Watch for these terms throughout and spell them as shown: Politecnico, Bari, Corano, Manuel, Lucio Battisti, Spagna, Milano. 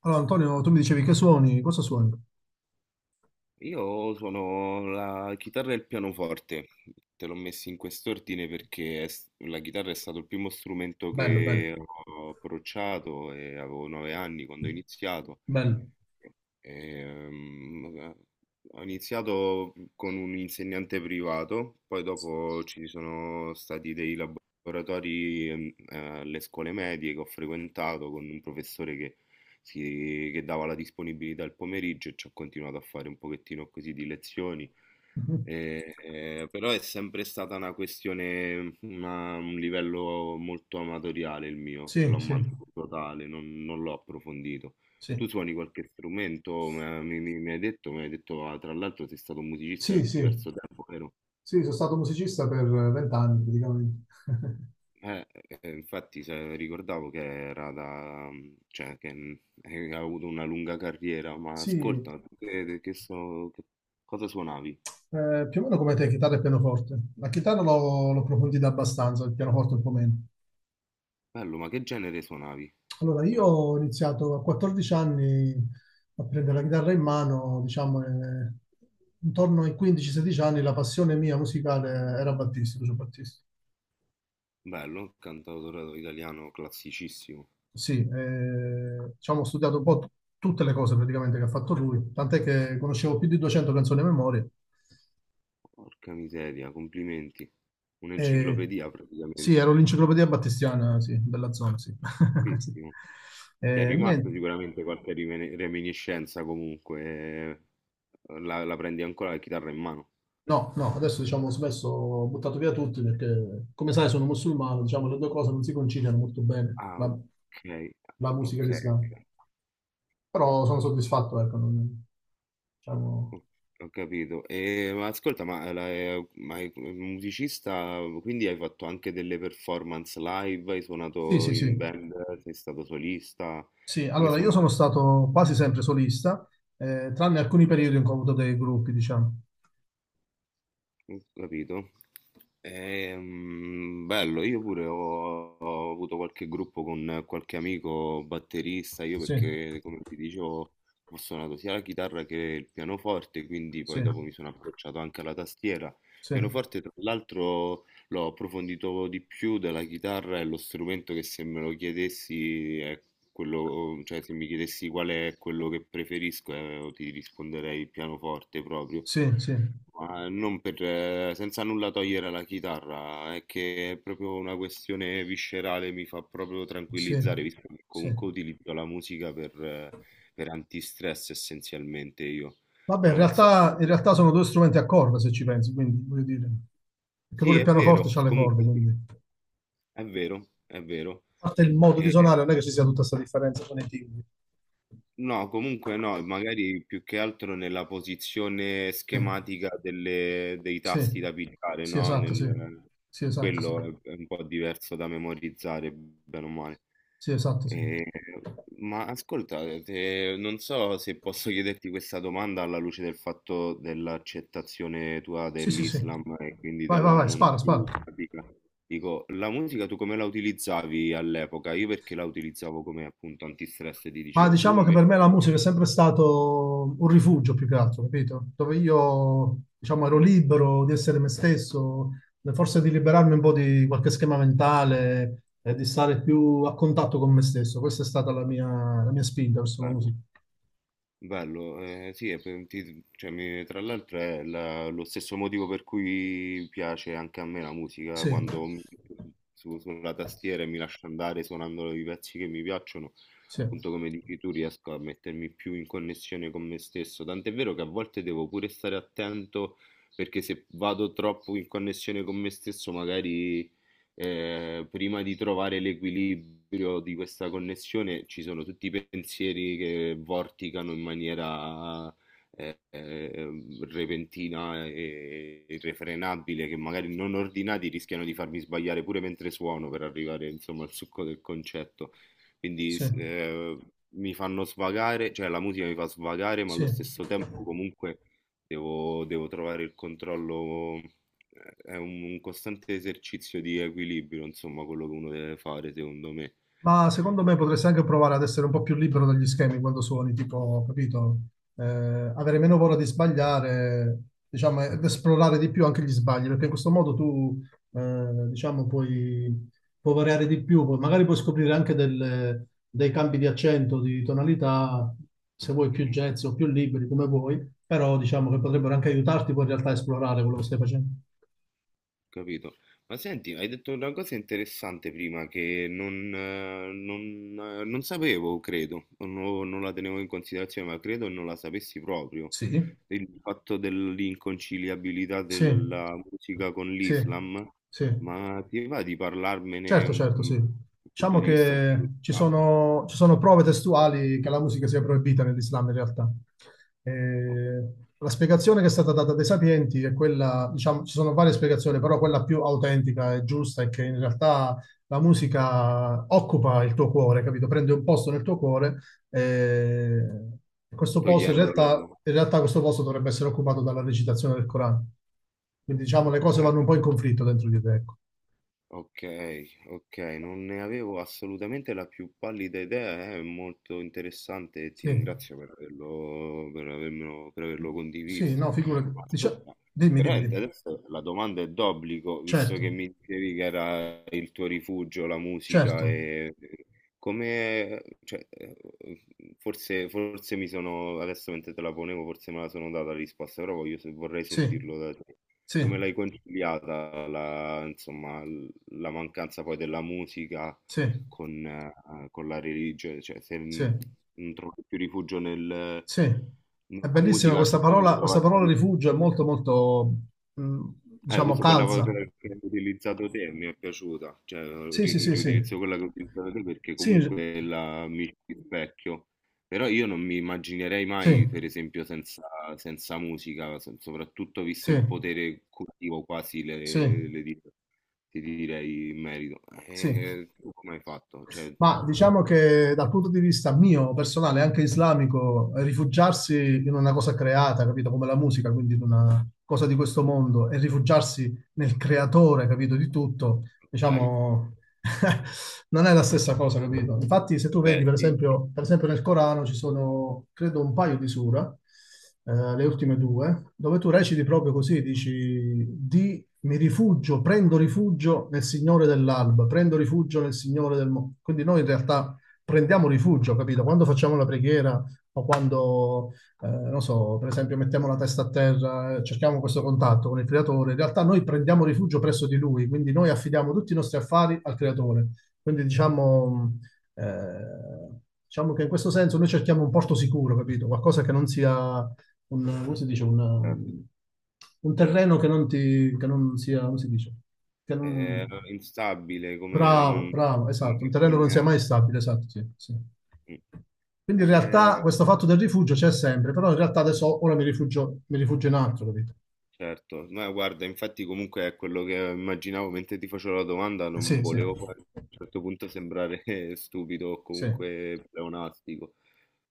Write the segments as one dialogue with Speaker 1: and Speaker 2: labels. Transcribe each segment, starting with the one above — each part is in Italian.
Speaker 1: Allora, Antonio, tu mi dicevi che suoni, cosa suoni?
Speaker 2: Io suono la chitarra e il pianoforte, te l'ho messi in quest'ordine perché la chitarra è stato il primo strumento
Speaker 1: Bello, bello,
Speaker 2: che ho approcciato e avevo 9 anni quando ho iniziato.
Speaker 1: bello.
Speaker 2: Ehm, Ho iniziato con un insegnante privato, poi dopo ci sono stati dei laboratori alle scuole medie che ho frequentato con un professore che, che dava la disponibilità al pomeriggio e ci ho continuato a fare un pochettino così di lezioni.
Speaker 1: Mhm.
Speaker 2: Però è sempre stata una questione, un livello molto amatoriale il mio,
Speaker 1: Sì,
Speaker 2: l'ho
Speaker 1: sì,
Speaker 2: mantenuto tale, non l'ho approfondito. Tu
Speaker 1: sì.
Speaker 2: suoni qualche strumento? Mi hai detto, ah, tra l'altro sei stato un musicista per
Speaker 1: Sì, sì,
Speaker 2: diverso tempo, vero?
Speaker 1: sì, sono stato musicista per 20 anni praticamente.
Speaker 2: Infatti ricordavo che era da, cioè, che hai avuto una lunga carriera. Ma
Speaker 1: Sì,
Speaker 2: ascolta, tu che so, cosa suonavi?
Speaker 1: più o meno come te, chitarra e pianoforte. La chitarra l'ho approfondita abbastanza, il pianoforte un po' meno.
Speaker 2: Bello, ma che genere suonavi? Ho
Speaker 1: Allora, io
Speaker 2: detto,
Speaker 1: ho iniziato a 14 anni a prendere la chitarra in mano, diciamo, intorno ai 15-16 anni la passione mia musicale era Battisti, Lucio Battisti.
Speaker 2: bello, un cantautore italiano classicissimo.
Speaker 1: Sì, diciamo, ho studiato un po' tutte le cose praticamente che ha fatto lui, tant'è che conoscevo più di 200 canzoni a memoria.
Speaker 2: Porca miseria, complimenti.
Speaker 1: E,
Speaker 2: Un'enciclopedia
Speaker 1: sì,
Speaker 2: praticamente.
Speaker 1: ero l'enciclopedia battistiana, sì, della zona, sì. Sì.
Speaker 2: Bellissimo. Ti è
Speaker 1: Eh,
Speaker 2: rimasta
Speaker 1: niente,
Speaker 2: sicuramente qualche reminiscenza comunque, la prendi ancora la chitarra in mano.
Speaker 1: no, no, adesso diciamo ho smesso, ho buttato via tutti perché, come sai, sono musulmano, diciamo, le due cose non si conciliano molto bene,
Speaker 2: Ah,
Speaker 1: la,
Speaker 2: ok,
Speaker 1: la musica e
Speaker 2: ok,
Speaker 1: l'Islam. Però sono soddisfatto, ecco, non-
Speaker 2: ho
Speaker 1: diciamo...
Speaker 2: ho capito. E, ma ascolta, ma, ma è musicista, quindi hai fatto anche delle performance live, hai
Speaker 1: Sì,
Speaker 2: suonato
Speaker 1: sì,
Speaker 2: in
Speaker 1: sì.
Speaker 2: band, sei stato solista,
Speaker 1: Sì,
Speaker 2: come
Speaker 1: allora io sono
Speaker 2: suonavi?
Speaker 1: stato quasi sempre solista, tranne alcuni periodi in cui ho avuto dei gruppi, diciamo.
Speaker 2: Ho capito. Bello, io pure ho avuto qualche gruppo con qualche amico batterista, io
Speaker 1: Sì,
Speaker 2: perché come ti dicevo ho suonato sia la chitarra che il pianoforte, quindi
Speaker 1: sì,
Speaker 2: poi dopo mi sono approcciato anche alla tastiera. Il
Speaker 1: sì,
Speaker 2: pianoforte tra l'altro l'ho approfondito di più della chitarra, è lo strumento che, se me lo chiedessi, è quello. Oh, cioè, se mi chiedessi qual è quello che preferisco, ti risponderei pianoforte proprio.
Speaker 1: sì, sì,
Speaker 2: Ma non per, senza nulla togliere alla chitarra, è che è proprio una questione viscerale, mi fa proprio
Speaker 1: sì,
Speaker 2: tranquillizzare, visto che
Speaker 1: sì.
Speaker 2: comunque utilizzo la musica per antistress essenzialmente io.
Speaker 1: Vabbè,
Speaker 2: No, non so.
Speaker 1: in realtà sono due strumenti a corda, se ci pensi, quindi voglio dire, perché
Speaker 2: Sì,
Speaker 1: pure il
Speaker 2: è vero,
Speaker 1: pianoforte ha le corde,
Speaker 2: comunque sì,
Speaker 1: quindi. A
Speaker 2: è vero, è vero.
Speaker 1: parte il modo di suonare, non è che ci sia tutta questa differenza con i timbri.
Speaker 2: No, comunque no, magari più che altro nella posizione
Speaker 1: Sì,
Speaker 2: schematica dei
Speaker 1: sì,
Speaker 2: tasti da pigiare,
Speaker 1: sì,
Speaker 2: no?
Speaker 1: esatto, sì. Sì, esatto, sì.
Speaker 2: Quello è un po' diverso da memorizzare, bene o male.
Speaker 1: Sì, esatto, sì.
Speaker 2: Eh, ma ascolta, non so se posso chiederti questa domanda alla luce del fatto dell'accettazione tua
Speaker 1: Sì, sì, sì.
Speaker 2: dell'Islam e quindi
Speaker 1: Vai, vai,
Speaker 2: della
Speaker 1: vai,
Speaker 2: non
Speaker 1: spara, spara.
Speaker 2: più pratica. Dico, la musica tu come la utilizzavi all'epoca? Io perché la utilizzavo come appunto antistress, ti
Speaker 1: Ma
Speaker 2: dicevo, tu
Speaker 1: diciamo che
Speaker 2: invece?
Speaker 1: per me la musica è sempre stato un rifugio più che altro, capito? Dove io, diciamo, ero
Speaker 2: Mh,
Speaker 1: libero di essere me stesso, forse di liberarmi un po' di qualche schema mentale e di stare più a contatto con me stesso. Questa è stata la mia spinta verso la
Speaker 2: Bello,
Speaker 1: musica.
Speaker 2: bello, sì, e pe ti cioè mi tra l'altro è la lo stesso motivo per cui piace anche a me la musica,
Speaker 1: Sì,
Speaker 2: quando mi metto su su sulla tastiera e mi lascio andare suonando i pezzi che mi piacciono,
Speaker 1: sì,
Speaker 2: appunto come dici tu riesco a mettermi più in connessione con me stesso, tant'è vero che a volte devo pure stare attento perché se vado troppo in connessione con me stesso magari, prima di trovare l'equilibrio di questa connessione, ci sono tutti i pensieri che vorticano in maniera eh, eh, repentina e irrefrenabile, che magari non ordinati rischiano di farmi sbagliare pure mentre suono per arrivare insomma al succo del concetto. Quindi
Speaker 1: sì,
Speaker 2: mi fanno svagare, cioè la musica mi fa svagare, ma allo
Speaker 1: sì.
Speaker 2: stesso tempo comunque devo trovare il controllo. È un costante esercizio di equilibrio, insomma, quello che uno deve fare, secondo me.
Speaker 1: Ma secondo me potresti anche provare ad essere un po' più libero dagli schemi quando suoni, tipo, capito? Avere meno paura di sbagliare, diciamo, ed esplorare di più anche gli sbagli, perché in questo modo tu, diciamo, puoi variare di più, poi magari puoi scoprire anche dei cambi di accento, di tonalità, se vuoi più
Speaker 2: Mhm.
Speaker 1: jazz o più liberi, come vuoi, però diciamo che potrebbero anche aiutarti poi in realtà a esplorare quello che stai facendo.
Speaker 2: Capito? Ma senti, hai detto una cosa interessante prima che non sapevo, credo, o non la tenevo in considerazione, ma credo non la sapessi proprio.
Speaker 1: Sì,
Speaker 2: Il fatto dell'inconciliabilità
Speaker 1: sì,
Speaker 2: della musica con
Speaker 1: sì,
Speaker 2: l'Islam,
Speaker 1: sì.
Speaker 2: ma ti va di parlarmene
Speaker 1: Certo, certo, sì.
Speaker 2: dal punto
Speaker 1: Diciamo
Speaker 2: di vista
Speaker 1: che
Speaker 2: principale,
Speaker 1: ci sono prove testuali che la musica sia proibita nell'Islam in realtà. Eh, la spiegazione che è stata data dai sapienti è quella, diciamo, ci sono varie spiegazioni, però quella più autentica e giusta è che in realtà la musica occupa il tuo cuore, capito? Prende un posto nel tuo cuore eh, e questo posto
Speaker 2: togliendolo?
Speaker 1: in realtà questo posto dovrebbe essere occupato dalla recitazione del Corano. Quindi diciamo le
Speaker 2: Ok.
Speaker 1: cose vanno un po' in conflitto dentro di te, ecco.
Speaker 2: Okay, okay, non ne avevo assolutamente la più pallida idea, è molto interessante e ti
Speaker 1: Sì.
Speaker 2: ringrazio per averlo
Speaker 1: Sì, no,
Speaker 2: condiviso.
Speaker 1: figurati.
Speaker 2: Ma ascolta,
Speaker 1: Dimmi, dimmi,
Speaker 2: veramente
Speaker 1: dimmi.
Speaker 2: adesso la domanda è d'obbligo, visto
Speaker 1: Certo,
Speaker 2: che mi dicevi che era il tuo rifugio la musica.
Speaker 1: certo.
Speaker 2: Come cioè, forse mi sono adesso mentre te la ponevo forse me la sono data la risposta, però voglio se vorrei
Speaker 1: Sì,
Speaker 2: sentirlo da te.
Speaker 1: sì,
Speaker 2: Come l'hai conciliata la insomma l la mancanza poi della musica
Speaker 1: sì,
Speaker 2: con la religione, cioè se
Speaker 1: sì,
Speaker 2: n- non trovi più rifugio
Speaker 1: sì.
Speaker 2: nella
Speaker 1: È bellissima
Speaker 2: musica,
Speaker 1: questa
Speaker 2: suppongo
Speaker 1: parola, questa
Speaker 2: trovarti
Speaker 1: parola
Speaker 2: rifugio.
Speaker 1: rifugio, è molto, molto, mh,
Speaker 2: Eh,
Speaker 1: diciamo,
Speaker 2: uso quella
Speaker 1: calza.
Speaker 2: che hai utilizzato te, mi è piaciuta, cioè
Speaker 1: Sì, sì, sì, sì.
Speaker 2: riutilizzo quella che ho utilizzato te perché
Speaker 1: Sì,
Speaker 2: comunque la mi rispecchio, però io non mi immaginerei
Speaker 1: sì,
Speaker 2: mai, per esempio, senza, senza musica, soprattutto visto
Speaker 1: sì,
Speaker 2: il potere curativo quasi
Speaker 1: sì,
Speaker 2: ti direi in merito.
Speaker 1: sì.
Speaker 2: E tu come hai fatto? Cioè,
Speaker 1: Ma diciamo che dal punto di vista mio, personale, anche islamico, rifugiarsi in una cosa creata, capito, come la musica, quindi in una cosa di questo mondo, e rifugiarsi nel creatore, capito, di tutto,
Speaker 2: dai,
Speaker 1: diciamo, non è la stessa cosa, capito? Infatti, se tu vedi,
Speaker 2: beh, sì, sì,
Speaker 1: per esempio nel Corano ci sono, credo, un paio di sura, le ultime due, dove tu reciti proprio così, dici, di mi rifugio, prendo rifugio nel Signore dell'alba, prendo rifugio nel Signore del mondo. Quindi noi in realtà prendiamo rifugio, capito? Quando facciamo la preghiera o quando, non so, per esempio mettiamo la testa a terra, cerchiamo questo
Speaker 2: sì.
Speaker 1: contatto con il creatore, in realtà noi prendiamo rifugio presso di lui, quindi noi affidiamo tutti i nostri affari al creatore. Quindi
Speaker 2: Oh,
Speaker 1: diciamo, eh, diciamo che in questo senso noi cerchiamo un porto sicuro, capito? Qualcosa che non sia un, come si dice, un,
Speaker 2: certo,
Speaker 1: un terreno
Speaker 2: certo.
Speaker 1: che non sia, come si dice, che
Speaker 2: È
Speaker 1: non,
Speaker 2: instabile, come
Speaker 1: bravo,
Speaker 2: non,
Speaker 1: bravo,
Speaker 2: non
Speaker 1: esatto,
Speaker 2: è
Speaker 1: un terreno che non sia
Speaker 2: accogliente.
Speaker 1: mai stabile, esatto, sì, sì. Quindi in realtà
Speaker 2: Eh,
Speaker 1: questo fatto del rifugio c'è sempre, però in realtà adesso ora mi rifugio in altro, capito?
Speaker 2: certo, ma guarda, infatti comunque è quello che immaginavo mentre ti facevo la domanda, non
Speaker 1: Sì, sì,
Speaker 2: volevo poi a un certo punto sembrare stupido o
Speaker 1: sì,
Speaker 2: comunque pleonastico,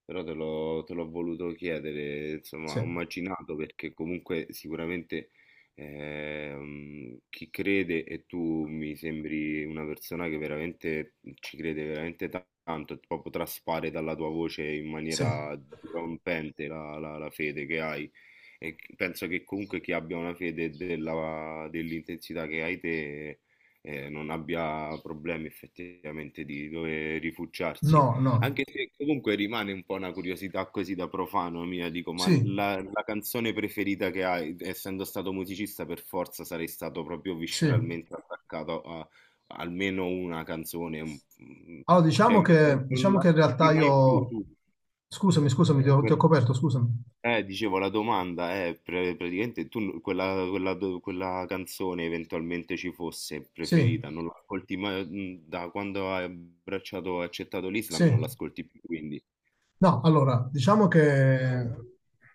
Speaker 2: però te l'ho voluto chiedere, insomma,
Speaker 1: sì,
Speaker 2: ho immaginato perché comunque sicuramente chi crede, e tu mi sembri una persona che veramente ci crede veramente tanto, proprio traspare dalla tua voce in
Speaker 1: sì.
Speaker 2: maniera dirompente la fede che hai. E penso che comunque chi abbia una fede dell'intensità che hai te non abbia problemi effettivamente di dove
Speaker 1: No,
Speaker 2: rifugiarsi.
Speaker 1: no,
Speaker 2: Anche se comunque rimane un po' una curiosità così da profano mia, dico, ma
Speaker 1: sì,
Speaker 2: la canzone preferita che hai, essendo stato musicista, per forza sarei stato proprio
Speaker 1: sì.
Speaker 2: visceralmente attaccato a almeno una canzone,
Speaker 1: Allora diciamo
Speaker 2: cioè
Speaker 1: che,
Speaker 2: non
Speaker 1: diciamo che in
Speaker 2: l'ascolti
Speaker 1: realtà
Speaker 2: mai più
Speaker 1: io...
Speaker 2: tu.
Speaker 1: Scusami, scusami, ti
Speaker 2: Eh,
Speaker 1: ho, ti ho
Speaker 2: que-
Speaker 1: coperto, scusami.
Speaker 2: Dicevo, la domanda è praticamente tu quella, quella canzone, eventualmente ci fosse
Speaker 1: Sì,
Speaker 2: preferita, non l'ascolti mai, da quando hai abbracciato e accettato
Speaker 1: sì.
Speaker 2: l'Islam, non l'ascolti più, quindi
Speaker 1: No, allora, diciamo che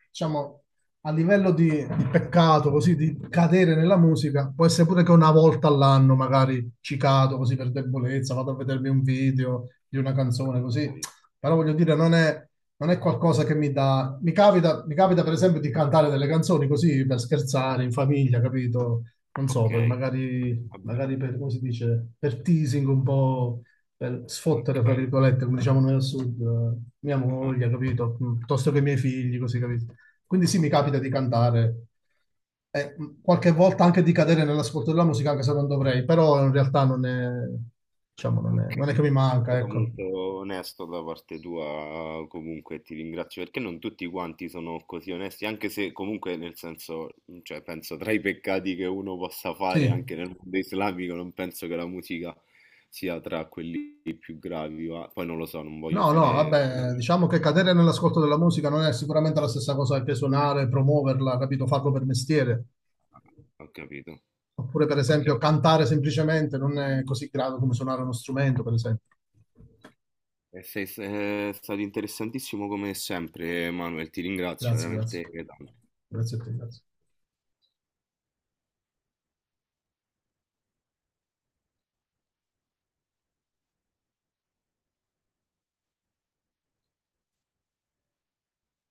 Speaker 1: diciamo, a livello di peccato, così di cadere nella musica, può essere pure che una volta all'anno magari ci cado così per debolezza, vado a vedermi un video di una canzone
Speaker 2: ok,
Speaker 1: così, però voglio dire,
Speaker 2: ok,
Speaker 1: non è qualcosa che mi dà... Mi capita per esempio di cantare delle canzoni così per scherzare in famiglia, capito? Non so, per
Speaker 2: ok,
Speaker 1: magari,
Speaker 2: vabbè,
Speaker 1: magari per, come si dice, per teasing un po' per
Speaker 2: ok,
Speaker 1: sfottere, fra virgolette, come diciamo noi al sud, mia
Speaker 2: ah,
Speaker 1: moglie, capito? Piuttosto che i miei figli, così, capito? Quindi sì,
Speaker 2: ho
Speaker 1: mi capita di
Speaker 2: capito.
Speaker 1: cantare e qualche volta anche di cadere nell'ascolto della musica, anche se non dovrei, però in realtà non è, diciamo, non è,
Speaker 2: Ok,
Speaker 1: non è che
Speaker 2: è
Speaker 1: mi manca,
Speaker 2: stato
Speaker 1: ecco.
Speaker 2: molto onesto da parte tua, comunque ti ringrazio perché non tutti quanti sono così onesti, anche se comunque nel senso, cioè penso tra i peccati che uno possa fare
Speaker 1: Sì.
Speaker 2: anche nel mondo islamico, non penso che la musica sia tra quelli più gravi, ma poi non lo so, non voglio
Speaker 1: No, no,
Speaker 2: fare...
Speaker 1: vabbè, diciamo che cadere nell'ascolto della musica non è sicuramente la stessa cosa che suonare, promuoverla, capito? Farlo per mestiere.
Speaker 2: Ho capito,
Speaker 1: Oppure, per
Speaker 2: ho
Speaker 1: esempio,
Speaker 2: capito.
Speaker 1: cantare semplicemente non è così grave come suonare uno strumento, per esempio.
Speaker 2: E è stato interessantissimo come sempre, Manuel, ti ringrazio
Speaker 1: Grazie, grazie.
Speaker 2: veramente tanto.
Speaker 1: Grazie a te, grazie.